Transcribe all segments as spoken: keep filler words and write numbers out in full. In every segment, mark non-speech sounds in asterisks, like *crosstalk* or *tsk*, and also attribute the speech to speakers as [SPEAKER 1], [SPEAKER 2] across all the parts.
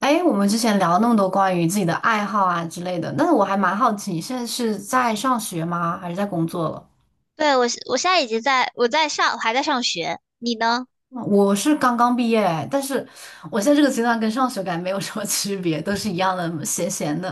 [SPEAKER 1] 哎，我们之前聊了那么多关于自己的爱好啊之类的，但是我还蛮好奇，你现在是在上学吗？还是在工作了？嗯
[SPEAKER 2] 对，我是我现在已经在我在上，我还在上学。你呢？
[SPEAKER 1] 我是刚刚毕业，但是我现在这个阶段跟上学感觉没有什么 *laughs* 区别，都是一样的，闲闲的。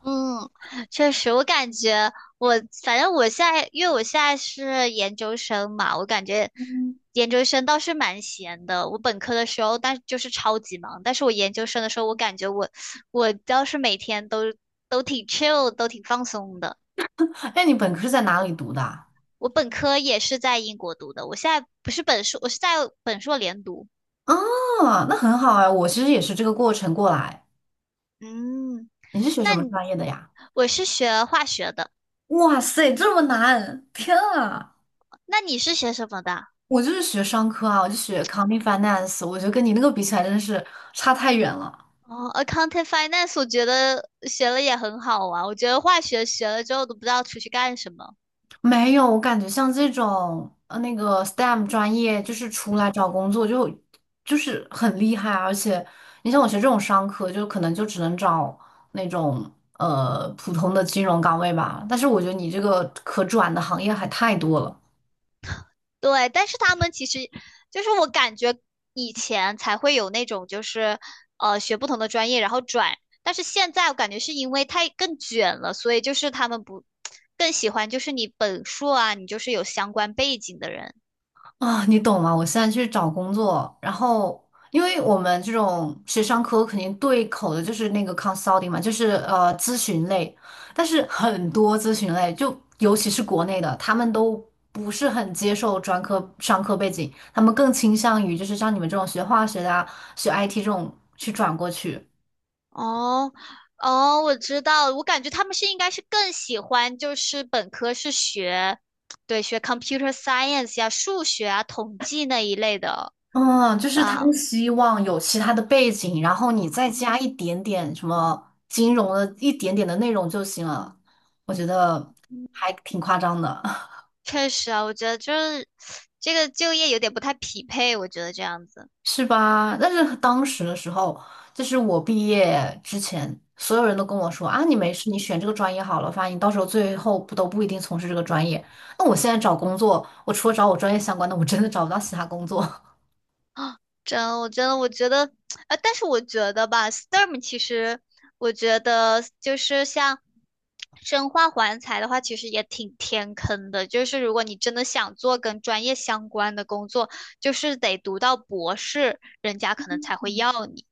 [SPEAKER 2] 嗯，确实，我感觉我反正我现在，因为我现在是研究生嘛，我感觉
[SPEAKER 1] 嗯。
[SPEAKER 2] 研究生倒是蛮闲的。我本科的时候，但就是超级忙，但是我研究生的时候，我感觉我我倒是每天都都挺 chill，都挺放松的。
[SPEAKER 1] 哎，你本科是在哪里读的啊？
[SPEAKER 2] 我本科也是在英国读的，我现在不是本硕，我是在本硕连读。
[SPEAKER 1] 啊，那很好啊，我其实也是这个过程过来。
[SPEAKER 2] 嗯，
[SPEAKER 1] 你是学
[SPEAKER 2] 那
[SPEAKER 1] 什么
[SPEAKER 2] 你
[SPEAKER 1] 专业的呀？
[SPEAKER 2] 我是学化学的。
[SPEAKER 1] 哇塞，这么难！天啊，
[SPEAKER 2] 那你是学什么的？
[SPEAKER 1] 我就是学商科啊，我就学 c o m n t i n g Finance，我觉得跟你那个比起来，真的是差太远了。
[SPEAKER 2] 哦，accounting finance，我觉得学了也很好啊。我觉得化学学了之后都不知道出去干什么。
[SPEAKER 1] 没有，我感觉像这种呃那个 S T E M 专业，就是出来找工作就就是很厉害啊，而且你像我学这种商科，就可能就只能找那种呃普通的金融岗位吧。但是我觉得你这个可转的行业还太多了。
[SPEAKER 2] 对，但是他们其实就是我感觉以前才会有那种就是呃学不同的专业然后转，但是现在我感觉是因为太更卷了，所以就是他们不更喜欢就是你本硕啊，你就是有相关背景的人。
[SPEAKER 1] 啊，你懂吗？我现在去找工作，然后因为我们这种学商科肯定对口的就是那个 consulting 嘛，就是呃咨询类，但是很多咨询类，就尤其是国内的，他们都不是很接受专科商科背景，他们更倾向于就是像你们这种学化学的啊，学 I T 这种去转过去。
[SPEAKER 2] 哦，哦，我知道了，我感觉他们是应该是更喜欢，就是本科是学，对，学 computer science 呀、数学啊、统计那一类的
[SPEAKER 1] 嗯，就是他
[SPEAKER 2] 吧。
[SPEAKER 1] 们希望有其他的背景，然后你再加一点点什么金融的一点点的内容就行了。我觉得还挺夸张的。
[SPEAKER 2] 确实啊，我觉得就是这个就业有点不太匹配，我觉得这样子。
[SPEAKER 1] *laughs* 是吧？但是当时的时候，就是我毕业之前，所有人都跟我说啊，你没事，你选这个专业好了，反正你到时候最后不都不一定从事这个专业。那我现在找工作，我除了找我专业相关的，我真的找不到其他工作。
[SPEAKER 2] 啊，真，我真的，我觉得，呃，但是我觉得吧，S T E M 其实，我觉得就是像生化环材的话，其实也挺天坑的。就是如果你真的想做跟专业相关的工作，就是得读到博士，人家可能才会要你。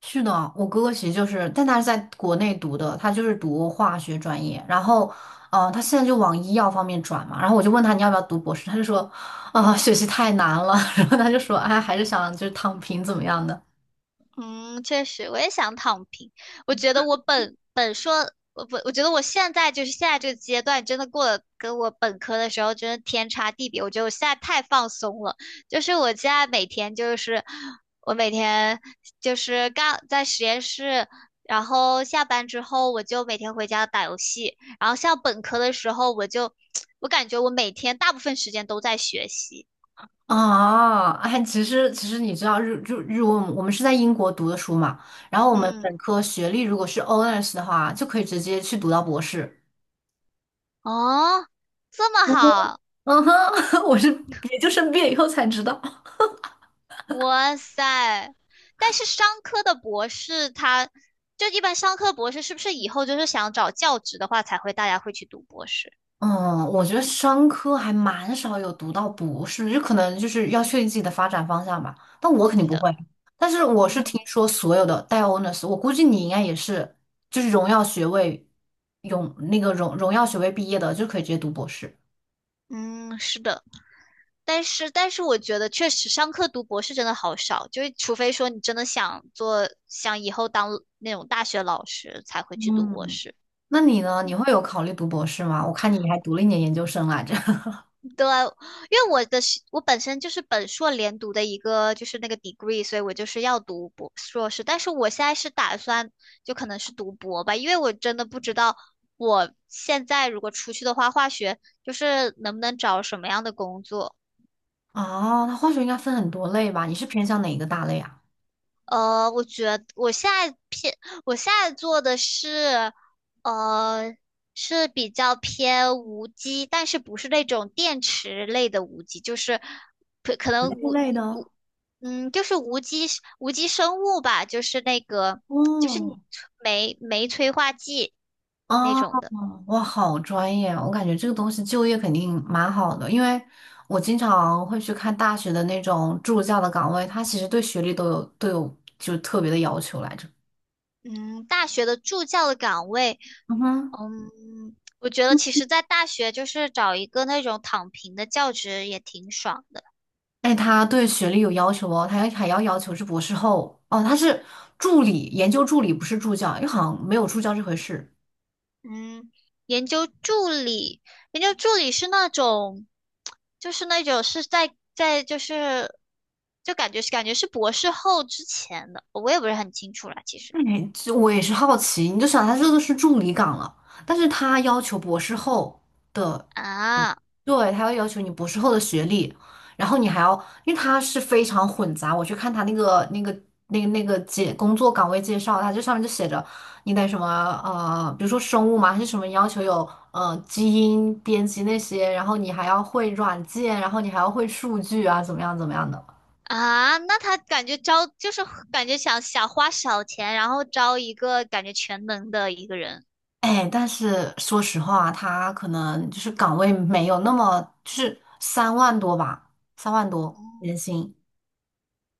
[SPEAKER 1] 是的，我哥哥其实就是，但他是在国内读的，他就是读化学专业，然后，呃，他现在就往医药方面转嘛。然后我就问他你要不要读博士，他就说，啊、学习太难了。*laughs* 然后他就说，哎，还是想就是躺平怎么样的
[SPEAKER 2] 嗯，确实，我也想躺平。我觉得我本本硕，我不，我觉得我现在就是现在这个阶段，真的过得跟我本科的时候真的天差地别。我觉得我现在太放松了，就是我现在每天就是我每天就是干在实验室，然后下班之后我就每天回家打游戏，然后像本科的时候我就 *tsk* 我感觉我每天大部分时间都在学习。
[SPEAKER 1] 啊？哎，其实其实你知道日就日文，我们是在英国读的书嘛，然后我们
[SPEAKER 2] 嗯，
[SPEAKER 1] 本科学历如果是 honors 的话，就可以直接去读到博士。
[SPEAKER 2] 哦，这么
[SPEAKER 1] 嗯哼。
[SPEAKER 2] 好。
[SPEAKER 1] *laughs* 我是也就生毕业以后才知道。
[SPEAKER 2] 哇塞！但是商科的博士他，就一般商科博士是不是以后就是想找教职的话，才会大家会去读博士？
[SPEAKER 1] 嗯，我觉得商科还蛮少有读到博士，就可能就是要确定自己的发展方向吧。但我肯定
[SPEAKER 2] 是
[SPEAKER 1] 不
[SPEAKER 2] 的，
[SPEAKER 1] 会，但是我是
[SPEAKER 2] 嗯
[SPEAKER 1] 听说所有的带 honors，我估计你应该也是，就是荣耀学位，荣那个荣荣耀学位毕业的就可以直接读博士。
[SPEAKER 2] 嗯，是的。但是但是，我觉得确实商科读博士真的好少，就是除非说你真的想做，想以后当那种大学老师，才会去读博
[SPEAKER 1] 嗯。
[SPEAKER 2] 士。
[SPEAKER 1] 那你呢？你会有考虑读博士吗？我看你还读了一年研究生来着。*laughs*
[SPEAKER 2] 对，因为我的是我本身就是本硕连读的一个就是那个 degree，所以我就是要读博硕士，但是我现在是打算就可能是读博吧，因为我真的不知道我现在如果出去的话，化学就是能不能找什么样的工作。
[SPEAKER 1] 哦，那化学应该分很多类吧？你是偏向哪一个大类啊？
[SPEAKER 2] 呃，我觉得我现在偏，我现在做的是，呃，是比较偏无机，但是不是那种电池类的无机，就是可可能
[SPEAKER 1] 物
[SPEAKER 2] 无
[SPEAKER 1] 类的。
[SPEAKER 2] 无，嗯，就是无机无机生物吧，就是那个就是你
[SPEAKER 1] 哦。
[SPEAKER 2] 酶酶催化剂那
[SPEAKER 1] 哦。
[SPEAKER 2] 种的。
[SPEAKER 1] 哇，好专业哦！我感觉这个东西就业肯定蛮好的，因为我经常会去看大学的那种助教的岗位，他其实对学历都有都有就特别的要求来着。
[SPEAKER 2] 嗯，大学的助教的岗位，
[SPEAKER 1] 嗯哼。
[SPEAKER 2] 嗯，我觉得其实在大学就是找一个那种躺平的教职也挺爽的。
[SPEAKER 1] 哎，他对学历有要求哦，他还还要要求是博士后哦，他是助理，研究助理不是助教，因为好像没有助教这回事。
[SPEAKER 2] 嗯，研究助理，研究助理是那种，就是那种是在在就是，就感觉是感觉是博士后之前的，我也不是很清楚了，其实。
[SPEAKER 1] 哎，这我也是好奇，你就想他这个是助理岗了，但是他要求博士后。的。
[SPEAKER 2] 啊，
[SPEAKER 1] 对，他会要求你博士后的学历，然后你还要，因为他是非常混杂。我去看他那个那个那个那个介工作岗位介绍，他这上面就写着你得什么呃，比如说生物嘛，还是什么要求有呃基因编辑那些，然后你还要会软件，然后你还要会数据啊，怎么样怎么样的。
[SPEAKER 2] 啊，那他感觉招就是感觉想想花小钱，然后招一个感觉全能的一个人。
[SPEAKER 1] 哎，但是说实话，他可能就是岗位没有那么，就是三万多吧，三万多年薪。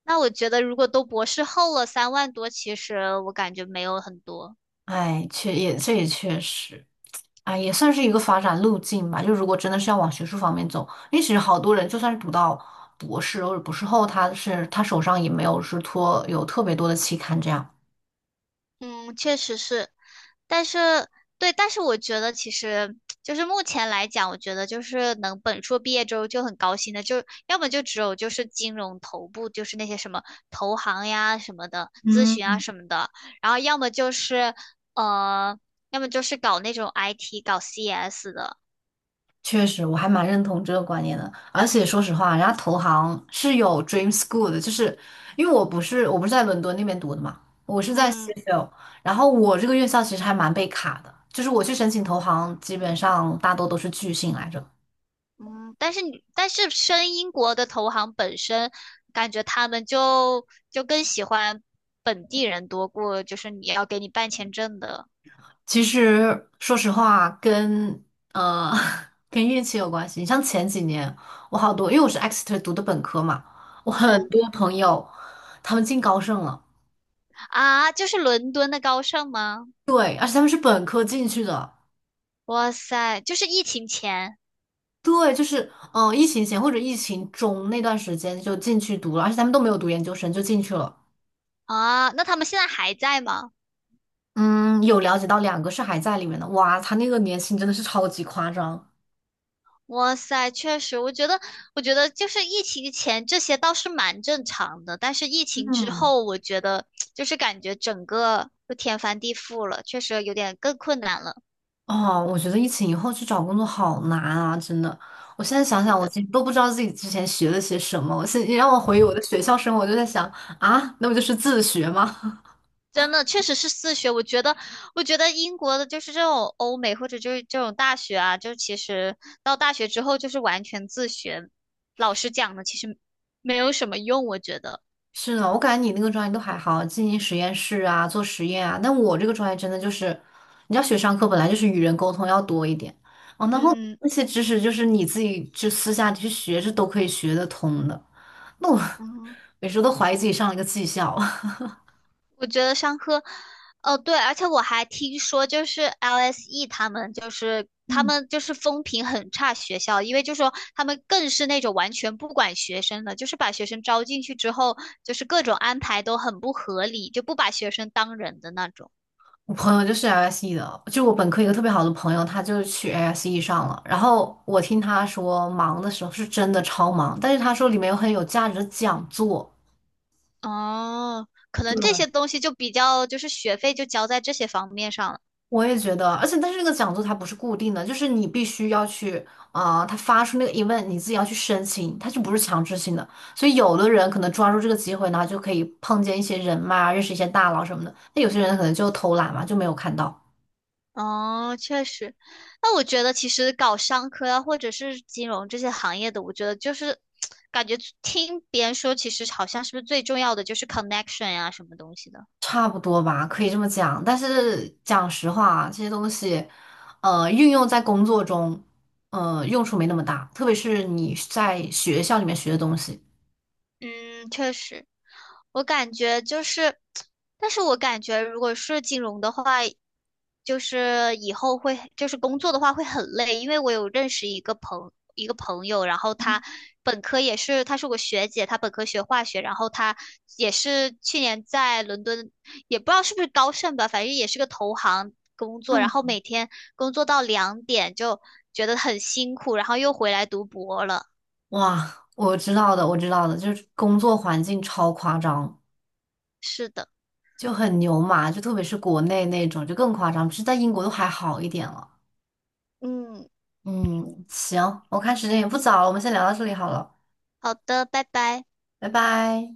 [SPEAKER 2] 那我觉得如果都博士后了，三万多，其实我感觉没有很多。
[SPEAKER 1] 哎，确也这也确实，哎，也算是一个发展路径吧。就如果真的是要往学术方面走，因为其实好多人就算是读到博士或者博士后，他是他手上也没有是托有特别多的期刊这样。
[SPEAKER 2] 嗯，确实是。但是对，但是我觉得其实就是目前来讲，我觉得就是能本硕毕业之后就很高兴的，就要么就只有就是金融头部，就是那些什么投行呀什么的，咨
[SPEAKER 1] 嗯，
[SPEAKER 2] 询啊什么的，然后要么就是呃，要么就是搞那种 I T 搞 C S 的。
[SPEAKER 1] 确实，我还蛮认同这个观念的。而且说实话，人家投行是有 Dream School 的，就是因为我不是我不是在伦敦那边读的嘛，我是在 s
[SPEAKER 2] 嗯
[SPEAKER 1] h e 然后我这个院校其实还蛮被卡的，就是我去申请投行，基本上大多都是拒信来着。
[SPEAKER 2] 嗯，但是你但是申英国的投行本身，感觉他们就就更喜欢本地人多过就是你要给你办签证的。
[SPEAKER 1] 其实说实话，跟呃 *laughs* 跟运气有关系。你像前几年，我好多，因为我是 Exeter 读的本科嘛，我很
[SPEAKER 2] 嗯。
[SPEAKER 1] 多朋友他们进高盛了。
[SPEAKER 2] 啊，就是伦敦的高盛吗？
[SPEAKER 1] 对，而且他们是本科进去的。
[SPEAKER 2] 哇塞，就是疫情前。
[SPEAKER 1] 对，就是嗯、呃疫情前或者疫情中那段时间就进去读了，而且他们都没有读研究生就进去了。
[SPEAKER 2] 啊，那他们现在还在吗？
[SPEAKER 1] 嗯，有了解到两个是还在里面的，哇，他那个年薪真的是超级夸张。
[SPEAKER 2] 哇塞，确实，我觉得，我觉得就是疫情前这些倒是蛮正常的，但是疫情之
[SPEAKER 1] 嗯。
[SPEAKER 2] 后，我觉得就是感觉整个就天翻地覆了，确实有点更困难了。
[SPEAKER 1] 哦，我觉得疫情以后去找工作好难啊，真的。我现在想
[SPEAKER 2] 是
[SPEAKER 1] 想，我
[SPEAKER 2] 的。
[SPEAKER 1] 其实都不知道自己之前学了些什么。我现你让我回忆我的学校生活，我就在想啊，那不就是自学吗？
[SPEAKER 2] 真的确实是自学，我觉得，我觉得英国的就是这种欧美或者就是这种大学啊，就其实到大学之后就是完全自学，老师讲的其实没有什么用，我觉得。
[SPEAKER 1] *laughs* 是的，我感觉你那个专业都还好，进行实验室啊，做实验啊。但我这个专业真的就是，你要学商科，本来就是与人沟通要多一点哦，然后
[SPEAKER 2] 嗯
[SPEAKER 1] 那些知识就是你自己去私下去学，是都可以学得通的。那我
[SPEAKER 2] 嗯，
[SPEAKER 1] *laughs* 有时候都怀疑自己上了一个技校。*laughs*
[SPEAKER 2] 我觉得上课，哦对，而且我还听说，就是 L S E 他们就是他
[SPEAKER 1] 嗯。
[SPEAKER 2] 们就是风评很差学校，因为就说他们更是那种完全不管学生的，就是把学生招进去之后，就是各种安排都很不合理，就不把学生当人的那种。
[SPEAKER 1] 我朋友就是 L S E 的，就我本科一个特别好的朋友，他就去 L S E 上了。然后我听他说，忙的时候是真的超忙，但是他说里面有很有价值的讲座。
[SPEAKER 2] 哦，可能
[SPEAKER 1] 对，
[SPEAKER 2] 这些东西就比较就是学费就交在这些方面上了。
[SPEAKER 1] 我也觉得，而且但是那个讲座它不是固定的，就是你必须要去啊、他发出那个 event，你自己要去申请，它就不是强制性的。所以有的人可能抓住这个机会，呢，就可以碰见一些人脉啊，认识一些大佬什么的。那有些人可能就偷懒嘛，就没有看到。
[SPEAKER 2] 哦，确实，那我觉得其实搞商科啊，或者是金融这些行业的，我觉得就是感觉听别人说，其实好像是不是最重要的就是 connection 呀、什么东西的。
[SPEAKER 1] 差不多吧，可以这么讲。但是讲实话，这些东西，呃，运用在工作中，呃，用处没那么大。特别是你在学校里面学的东西。
[SPEAKER 2] 嗯，确实，我感觉就是，但是我感觉如果是金融的话，就是以后会，就是工作的话会很累，因为我有认识一个朋一个朋友，然后他本科也是，她是我学姐，她本科学化学，然后她也是去年在伦敦，也不知道是不是高盛吧，反正也是个投行工作，然
[SPEAKER 1] 嗯，
[SPEAKER 2] 后每天工作到两点就觉得很辛苦，然后又回来读博了。
[SPEAKER 1] 哇，我知道的，我知道的，就是工作环境超夸张，
[SPEAKER 2] 是的，
[SPEAKER 1] 就很牛马，就特别是国内那种，就更夸张。只是在英国都还好一点了。
[SPEAKER 2] 嗯。
[SPEAKER 1] 嗯，行，我看时间也不早了，我们先聊到这里好了，
[SPEAKER 2] 好的，拜拜。
[SPEAKER 1] 拜拜。